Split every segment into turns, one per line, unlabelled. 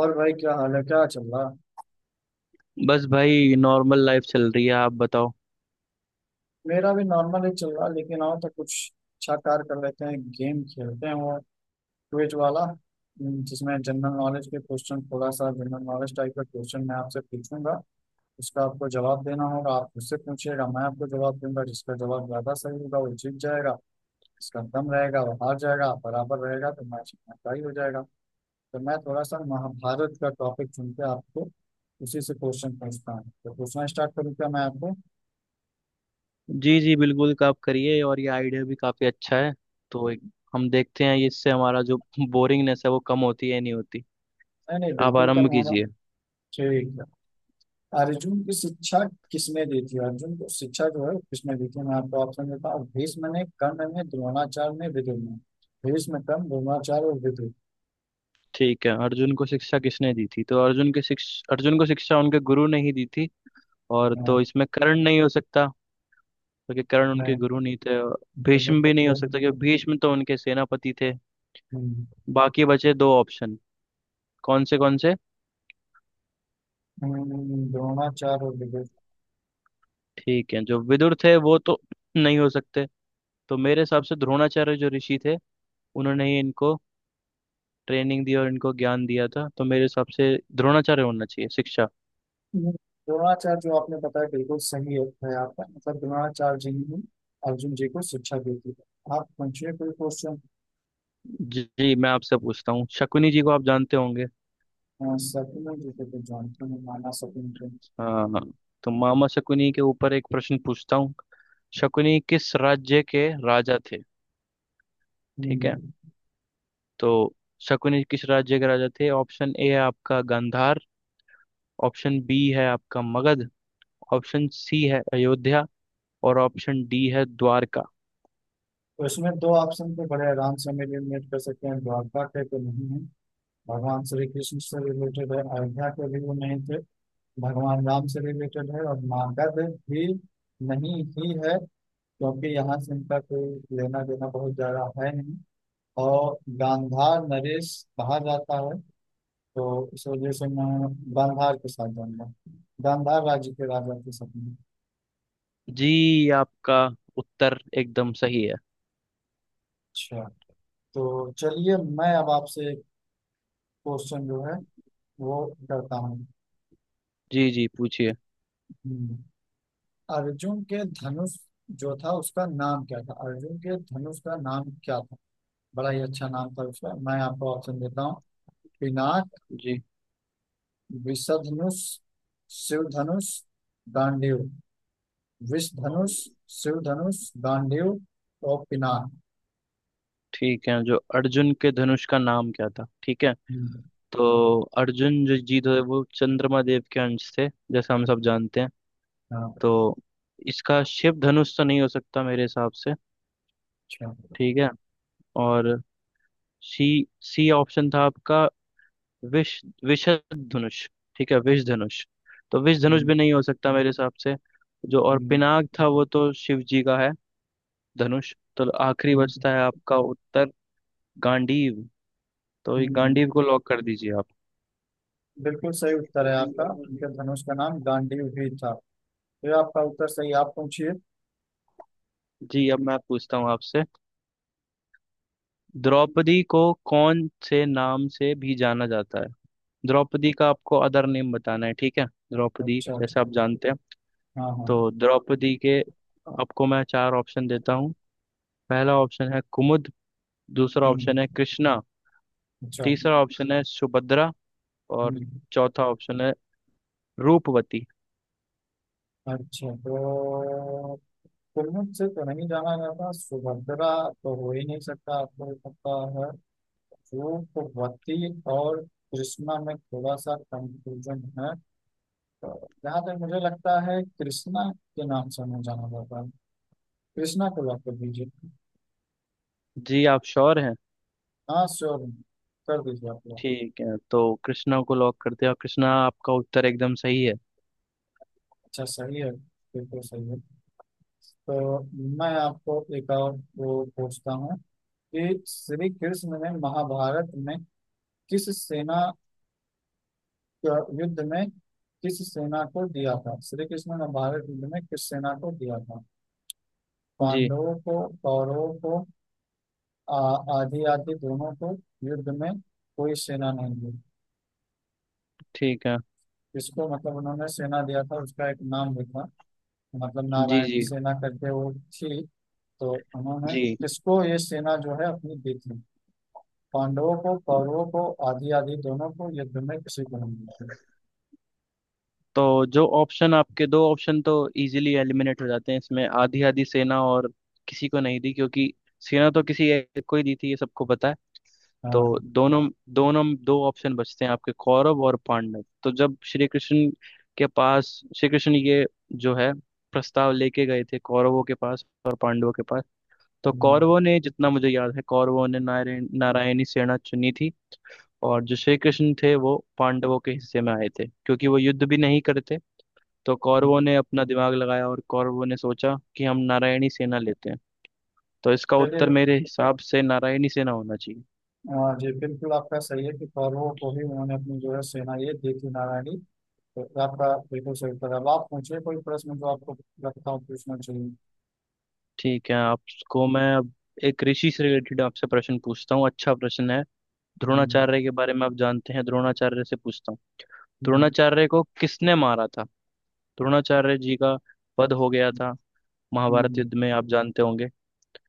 और भाई क्या हाल है? क्या चल रहा?
बस भाई नॉर्मल लाइफ चल रही है। आप बताओ।
मेरा भी नॉर्मल ही चल रहा, लेकिन आओ तो कुछ अच्छा कार्य कर लेते हैं। गेम खेलते हैं वो क्विज वाला। जिसमें जनरल नॉलेज के क्वेश्चन, थोड़ा सा जनरल नॉलेज टाइप का क्वेश्चन मैं आपसे पूछूंगा। उसका आपको जवाब देना होगा। आप मुझसे पूछिएगा, मैं आपको जवाब दूंगा। जिसका जवाब ज्यादा सही होगा वो जीत जाएगा, जिसका कम रहेगा वो हार जाएगा। आप बराबर रहेगा तो मैच टाई हो जाएगा। तो मैं थोड़ा सा महाभारत का टॉपिक चुन के आपको उसी से क्वेश्चन पूछता हूँ। तो पूछना स्टार्ट करूँ क्या मैं आपको?
जी जी बिल्कुल आप करिए। और ये आइडिया भी काफ़ी अच्छा है। तो एक, हम देखते हैं इससे हमारा जो बोरिंगनेस है वो कम होती है या नहीं होती।
नहीं नहीं,
आप
बिल्कुल कम
आरंभ
होगा।
कीजिए।
ठीक है। अर्जुन की शिक्षा किसने दी थी? अर्जुन को शिक्षा जो है किसने दी थी? मैं आपको ऑप्शन देता हूँ। भीष्म ने, कर्ण ने, द्रोणाचार्य ने, विदुर ने। भीष्म, कर्ण, द्रोणाचार्य और विदुर।
ठीक है, अर्जुन को शिक्षा किसने दी थी? तो अर्जुन को शिक्षा उनके गुरु ने ही दी थी। और
हाँ।
तो इसमें कर्ण नहीं हो सकता, क्योंकि कर्ण उनके
नहीं।
गुरु नहीं थे। और
दोनों
भीष्म भी
तक
नहीं हो सकता, क्योंकि भीष्म तो उनके सेनापति थे।
हम्म,
बाकी बचे दो ऑप्शन, कौन से कौन से।
द्रोणाचार्य और विदुर।
ठीक है, जो विदुर थे वो तो नहीं हो सकते। तो मेरे हिसाब से द्रोणाचार्य जो ऋषि थे, उन्होंने ही इनको ट्रेनिंग दी और इनको ज्ञान दिया था। तो मेरे हिसाब से द्रोणाचार्य होना चाहिए शिक्षा।
द्रोणाचार्य जो आपने बताया बिल्कुल सही है आपका, मतलब द्रोणाचार्य जी ने अर्जुन जी को शिक्षा दी थी। आप पूछिए कोई क्वेश्चन।
जी जी, मैं आपसे पूछता हूँ, शकुनी जी को आप जानते होंगे।
सपने जी को तो जानते हैं, माना सपने को।
हाँ हाँ। तो मामा शकुनी के ऊपर एक प्रश्न पूछता हूँ। शकुनी किस राज्य के राजा थे? ठीक है,
हम्म,
तो शकुनी किस राज्य के राजा थे? ऑप्शन ए है आपका गांधार, ऑप्शन बी है आपका मगध, ऑप्शन सी है अयोध्या, और ऑप्शन डी है द्वारका।
तो इसमें दो ऑप्शन पे बड़े आराम से हम एलिमिनेट कर सकते हैं। द्वारका के तो नहीं है, भगवान श्री कृष्ण से रिलेटेड है। अयोध्या के भी वो नहीं थे, भगवान राम से रिलेटेड है। और मगध भी नहीं ही है, क्योंकि यहाँ से इनका कोई लेना देना बहुत ज्यादा है नहीं। और गांधार नरेश बाहर जाता है, तो इस वजह से मैं गांधार के साथ जाऊंगा, गांधार राज्य के राजा के साथ में।
जी, आपका उत्तर एकदम सही है।
अच्छा। तो चलिए मैं अब आपसे एक क्वेश्चन जो है वो करता हूँ।
जी जी, पूछिए।
हम्म, अर्जुन के धनुष जो था उसका नाम क्या था? अर्जुन के धनुष का नाम क्या था? बड़ा ही अच्छा नाम था उसका। मैं आपको ऑप्शन देता हूँ। पिनाक,
जी।
विषधनुष, शिव धनुष, गांडीव। विष धनुष, शिव धनुष, गांडीव और पिनाक।
ठीक है, जो अर्जुन के धनुष का नाम क्या था, ठीक है।
हम्म,
तो अर्जुन जो जी थे वो चंद्रमा देव के अंश थे, जैसा हम सब जानते हैं।
हाँ।
तो इसका शिव धनुष तो नहीं हो सकता मेरे हिसाब से।
अच्छा।
ठीक है। और सी सी ऑप्शन था आपका, विष विषध धनुष। ठीक है, विष धनुष। तो विष धनुष
हम्म,
भी नहीं हो सकता मेरे हिसाब से। जो और
हम्म,
पिनाक था वो तो शिव जी का है धनुष। तो आखिरी
हम्म,
बचता है आपका उत्तर गांडीव। तो ये
हम्म।
गांडीव को लॉक कर दीजिए आप।
बिल्कुल सही उत्तर है आपका। उनके धनुष का नाम गांडीव भी था। तो ये आपका उत्तर सही। आप पूछिए।
जी, अब मैं पूछता हूँ आपसे, द्रौपदी को कौन से नाम से भी जाना जाता है? द्रौपदी का आपको अदर नेम बताना है, ठीक है? द्रौपदी,
अच्छा, अच्छा।
जैसे आप जानते हैं।
हाँ, हाँ।
तो द्रौपदी के आपको मैं चार ऑप्शन देता हूँ। पहला ऑप्शन है कुमुद, दूसरा ऑप्शन
हम्म,
है कृष्णा,
अच्छा।
तीसरा ऑप्शन है सुभद्रा, और
हम्म,
चौथा ऑप्शन है रूपवती।
अच्छा। तो कुल्लू से तो नहीं जाना जाता। सुभद्रा तो हो ही नहीं सकता, आपको भी पता है। वो भगवती और कृष्णा में थोड़ा सा कंफ्यूजन है। तो जहाँ तक मुझे लगता है कृष्णा के नाम से नहीं जाना जाता है। कृष्णा को लॉक कर दीजिए।
जी आप श्योर हैं?
हाँ, श्योर, कर दीजिए आप लोग।
ठीक है, तो कृष्णा को लॉक करते हैं और कृष्णा आपका उत्तर एकदम सही है।
अच्छा, सही है। बिल्कुल सही है। तो मैं आपको एक और वो पूछता हूँ कि श्री कृष्ण ने महाभारत में किस सेना, युद्ध में किस सेना को दिया था? श्री कृष्ण ने भारत युद्ध में किस सेना को दिया था?
जी।
पांडवों को, कौरवों को, आ- आदि आदि दोनों को, युद्ध में कोई सेना नहीं दी।
ठीक है।
इसको मतलब उन्होंने सेना दिया था, उसका एक नाम लिखा, मतलब
जी
नारायण की
जी।
सेना करके वो थी। तो उन्होंने
जी,
किसको ये सेना जो है अपनी दी थी? पांडवों को, कौरवों को, आदि आदि दोनों को, युद्ध में किसी को नहीं दी थी।
तो जो ऑप्शन आपके दो ऑप्शन तो इजीली एलिमिनेट हो जाते हैं इसमें, आधी आधी सेना और किसी को नहीं दी, क्योंकि सेना तो किसी एक को ही दी थी ये सबको पता है। तो
हाँ।
दोनों दोनों दो ऑप्शन बचते हैं आपके, कौरव और पांडव। तो जब श्री कृष्ण के पास, श्री कृष्ण ये जो है प्रस्ताव लेके गए थे कौरवों के पास और पांडवों के पास, तो
हम्म।
कौरवों ने, जितना मुझे याद है, कौरवों ने नारायणी सेना चुनी थी। और जो श्री कृष्ण थे वो पांडवों के हिस्से में आए थे, क्योंकि वो युद्ध भी नहीं करते। तो कौरवों ने अपना दिमाग लगाया और कौरवों ने सोचा कि हम नारायणी सेना लेते हैं। तो इसका
चलिए।
उत्तर मेरे हिसाब से नारायणी सेना होना चाहिए।
हाँ जी, बिल्कुल आपका सही है कि कौरवों को भी उन्होंने अपनी जो है सेना ये दी थी, नारायणी। तो आपका बिल्कुल सही उत्तर है। अब आप मुझे कोई प्रश्न जो आपको लगता हूँ पूछना चाहिए।
ठीक है, आपको मैं अब एक ऋषि से रिलेटेड आपसे प्रश्न पूछता हूँ, अच्छा प्रश्न है।
हम्म,
द्रोणाचार्य के बारे में आप जानते हैं, द्रोणाचार्य से पूछता हूँ।
हम्म,
द्रोणाचार्य को किसने मारा था? द्रोणाचार्य जी का वध हो गया था महाभारत
हम्म,
युद्ध में, आप जानते होंगे।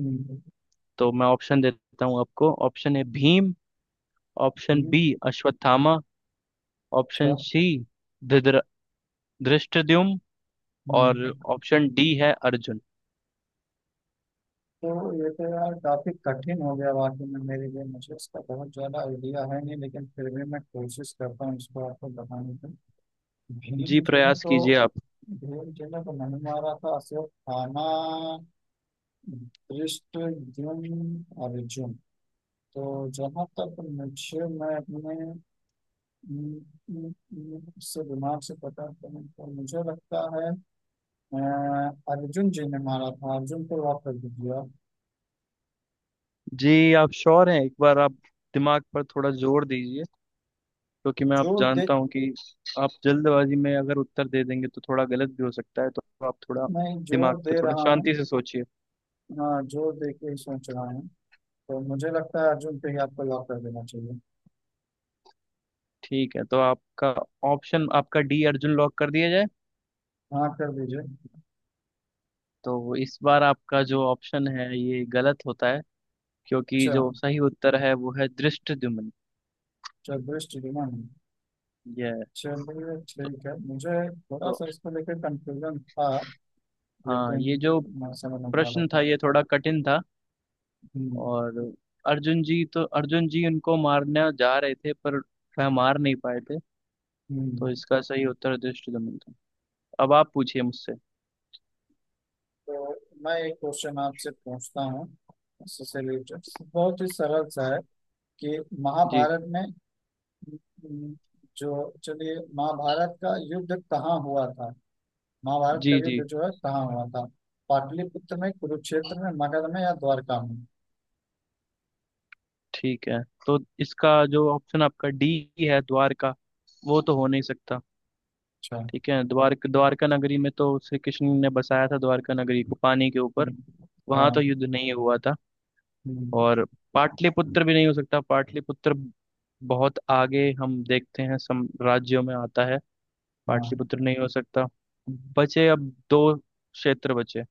हम्म,
तो मैं ऑप्शन देता हूँ आपको। ऑप्शन ए भीम, ऑप्शन
हम्म,
बी अश्वत्थामा,
अच्छा।
ऑप्शन सी धृतर- धृष्टद्युम्न, और
हम्म,
ऑप्शन डी है अर्जुन।
तो ये तो यार काफी कठिन हो गया वाकई में मेरे लिए। मुझे इसका बहुत ज्यादा आइडिया है नहीं, लेकिन फिर भी मैं कोशिश करता हूँ इसको आपको बताने की।
जी,
भीम जी ने
प्रयास
तो,
कीजिए आप।
भीम जी ने तो नहीं मारा था, सिर्फ खाना। कृष्ण, अर्जुन, अर्जुन। तो जहाँ तक मुझे, मैं अपने उम, उम, से दिमाग से पता करूँ तो मुझे लगता है अ, अर्जुन जी ने मारा था। अर्जुन को वापस दिया।
जी आप श्योर हैं? एक बार आप दिमाग पर थोड़ा जोर दीजिए, क्योंकि मैं आप
जोर दे,
जानता हूँ कि आप जल्दबाजी में अगर उत्तर दे देंगे तो थोड़ा गलत भी हो सकता है। तो आप थोड़ा
मैं
दिमाग
जोर
पे
दे
थोड़ा
रहा हूँ।
शांति से सोचिए।
हाँ, जोर दे के ही सोच रहा हूँ। तो मुझे लगता है अर्जुन पे ही आपको लॉक कर देना चाहिए।
ठीक है, तो आपका ऑप्शन, आपका डी अर्जुन लॉक कर दिया जाए।
हाँ, कर दीजिए।
तो इस बार आपका जो ऑप्शन है ये गलत होता है, क्योंकि
अच्छा।
जो सही उत्तर है वो है दृष्टद्युम्न।
चल दृष्टि दिमाग।
ये है।
चलिए
तो,
ठीक है, मुझे थोड़ा
तो
सा इसको लेकर कंफ्यूजन था,
हाँ,
लेकिन
ये जो
मैं समझ नहीं पा रहा
प्रश्न था
था।
ये थोड़ा कठिन था।
हम्म,
और अर्जुन जी तो, अर्जुन जी उनको मारने जा रहे थे पर वह मार नहीं पाए थे। तो
हम्म।
इसका सही उत्तर दृष्टद्युम्न था। अब आप पूछिए मुझसे।
तो मैं एक क्वेश्चन आपसे पूछता हूँ, इससे रिलेटेड बहुत ही सरल सा है, कि
जी
महाभारत में हम्म, जो, चलिए महाभारत का युद्ध कहाँ हुआ था? महाभारत का
जी। जी।
युद्ध जो है कहाँ हुआ था? पाटलिपुत्र में, कुरुक्षेत्र में, मगध में या द्वारका में?
ठीक है, तो इसका जो ऑप्शन आपका डी है द्वार का वो तो हो नहीं सकता।
अच्छा।
ठीक है, द्वारका नगरी में तो श्री कृष्ण ने बसाया था, द्वारका नगरी को पानी के ऊपर,
हम्म,
वहां तो
हाँ।
युद्ध नहीं हुआ था।
हम्म,
और पाटलिपुत्र भी नहीं हो सकता, पाटलिपुत्र बहुत आगे हम देखते हैं सम राज्यों में आता है, पाटलिपुत्र
हाँ।
नहीं हो सकता। बचे अब दो क्षेत्र बचे,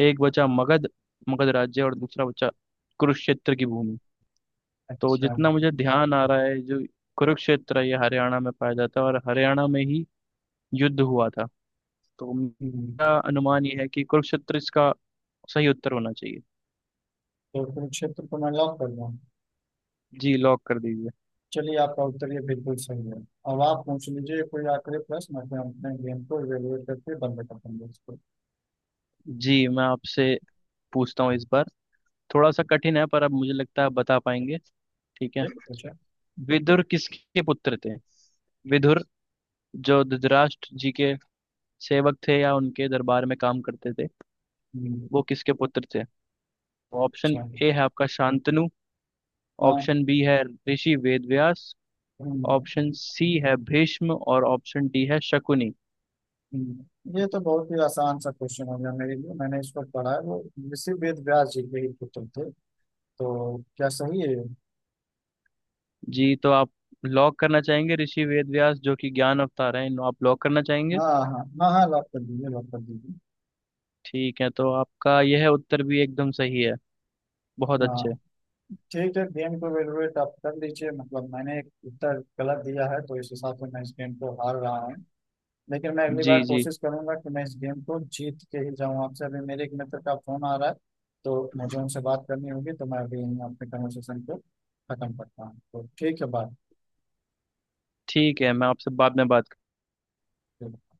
एक बचा मगध, मगध राज्य, और दूसरा बचा कुरुक्षेत्र की भूमि। तो
अच्छा।
जितना मुझे ध्यान आ रहा है, जो कुरुक्षेत्र है, ये हरियाणा में पाया जाता है और हरियाणा में ही युद्ध हुआ था। तो मेरा
हम्म,
अनुमान ये है कि कुरुक्षेत्र इसका सही उत्तर होना चाहिए।
तो कुरुक्षेत्र को मैं लॉक कर दूँ।
जी लॉक कर दीजिए।
चलिए आपका उत्तर ये बिल्कुल सही है। अब आप पूछ लीजिए कोई आखिरी प्रश्न। अपने अपने गेम को इवेलुएट करके बंद कर देंगे इसको।
जी, मैं आपसे पूछता हूँ इस बार, थोड़ा सा कठिन है पर अब मुझे लगता है आप बता पाएंगे, ठीक है?
ठीक है, पूछा।
विदुर किसके पुत्र थे? विदुर, जो धृतराष्ट्र जी के सेवक थे या उनके दरबार में काम करते थे,
हम्म,
वो किसके पुत्र थे? ऑप्शन
अच्छा।
ए है आपका शांतनु,
हाँ।
ऑप्शन बी है ऋषि वेदव्यास,
हम्म,
ऑप्शन सी है भीष्म, और ऑप्शन डी है शकुनि।
ये तो बहुत ही आसान सा क्वेश्चन हो गया मेरे लिए। मैंने इसको पढ़ा है, वो ऋषि वेद व्यास जी के ही पुत्र थे। तो क्या सही है?
जी तो आप लॉक करना चाहेंगे ऋषि वेद व्यास, जो कि ज्ञान अवतार हैं, आप लॉक करना चाहेंगे?
हाँ, हाँ, हाँ, हाँ, लॉक कर दीजिए, लॉक कर दीजिए।
ठीक है, तो आपका यह उत्तर भी एकदम सही है। बहुत
हाँ।
अच्छे।
ठीक है, गेम को इवेलुएट आप कर लीजिए। मतलब मैंने एक उत्तर गलत दिया है, तो इस हिसाब से मैं इस गेम को हार रहा हूँ। लेकिन मैं अगली बार
जी जी।
कोशिश करूंगा कि मैं इस गेम को जीत के ही जाऊं आपसे। अभी मेरे एक मित्र का फोन आ रहा है, तो मुझे उनसे बात करनी होगी। तो मैं अभी इन अपने कन्वर्सेशन को खत्म करता हूँ। तो ठीक है,
ठीक है, मैं आपसे बाद में बात।
बात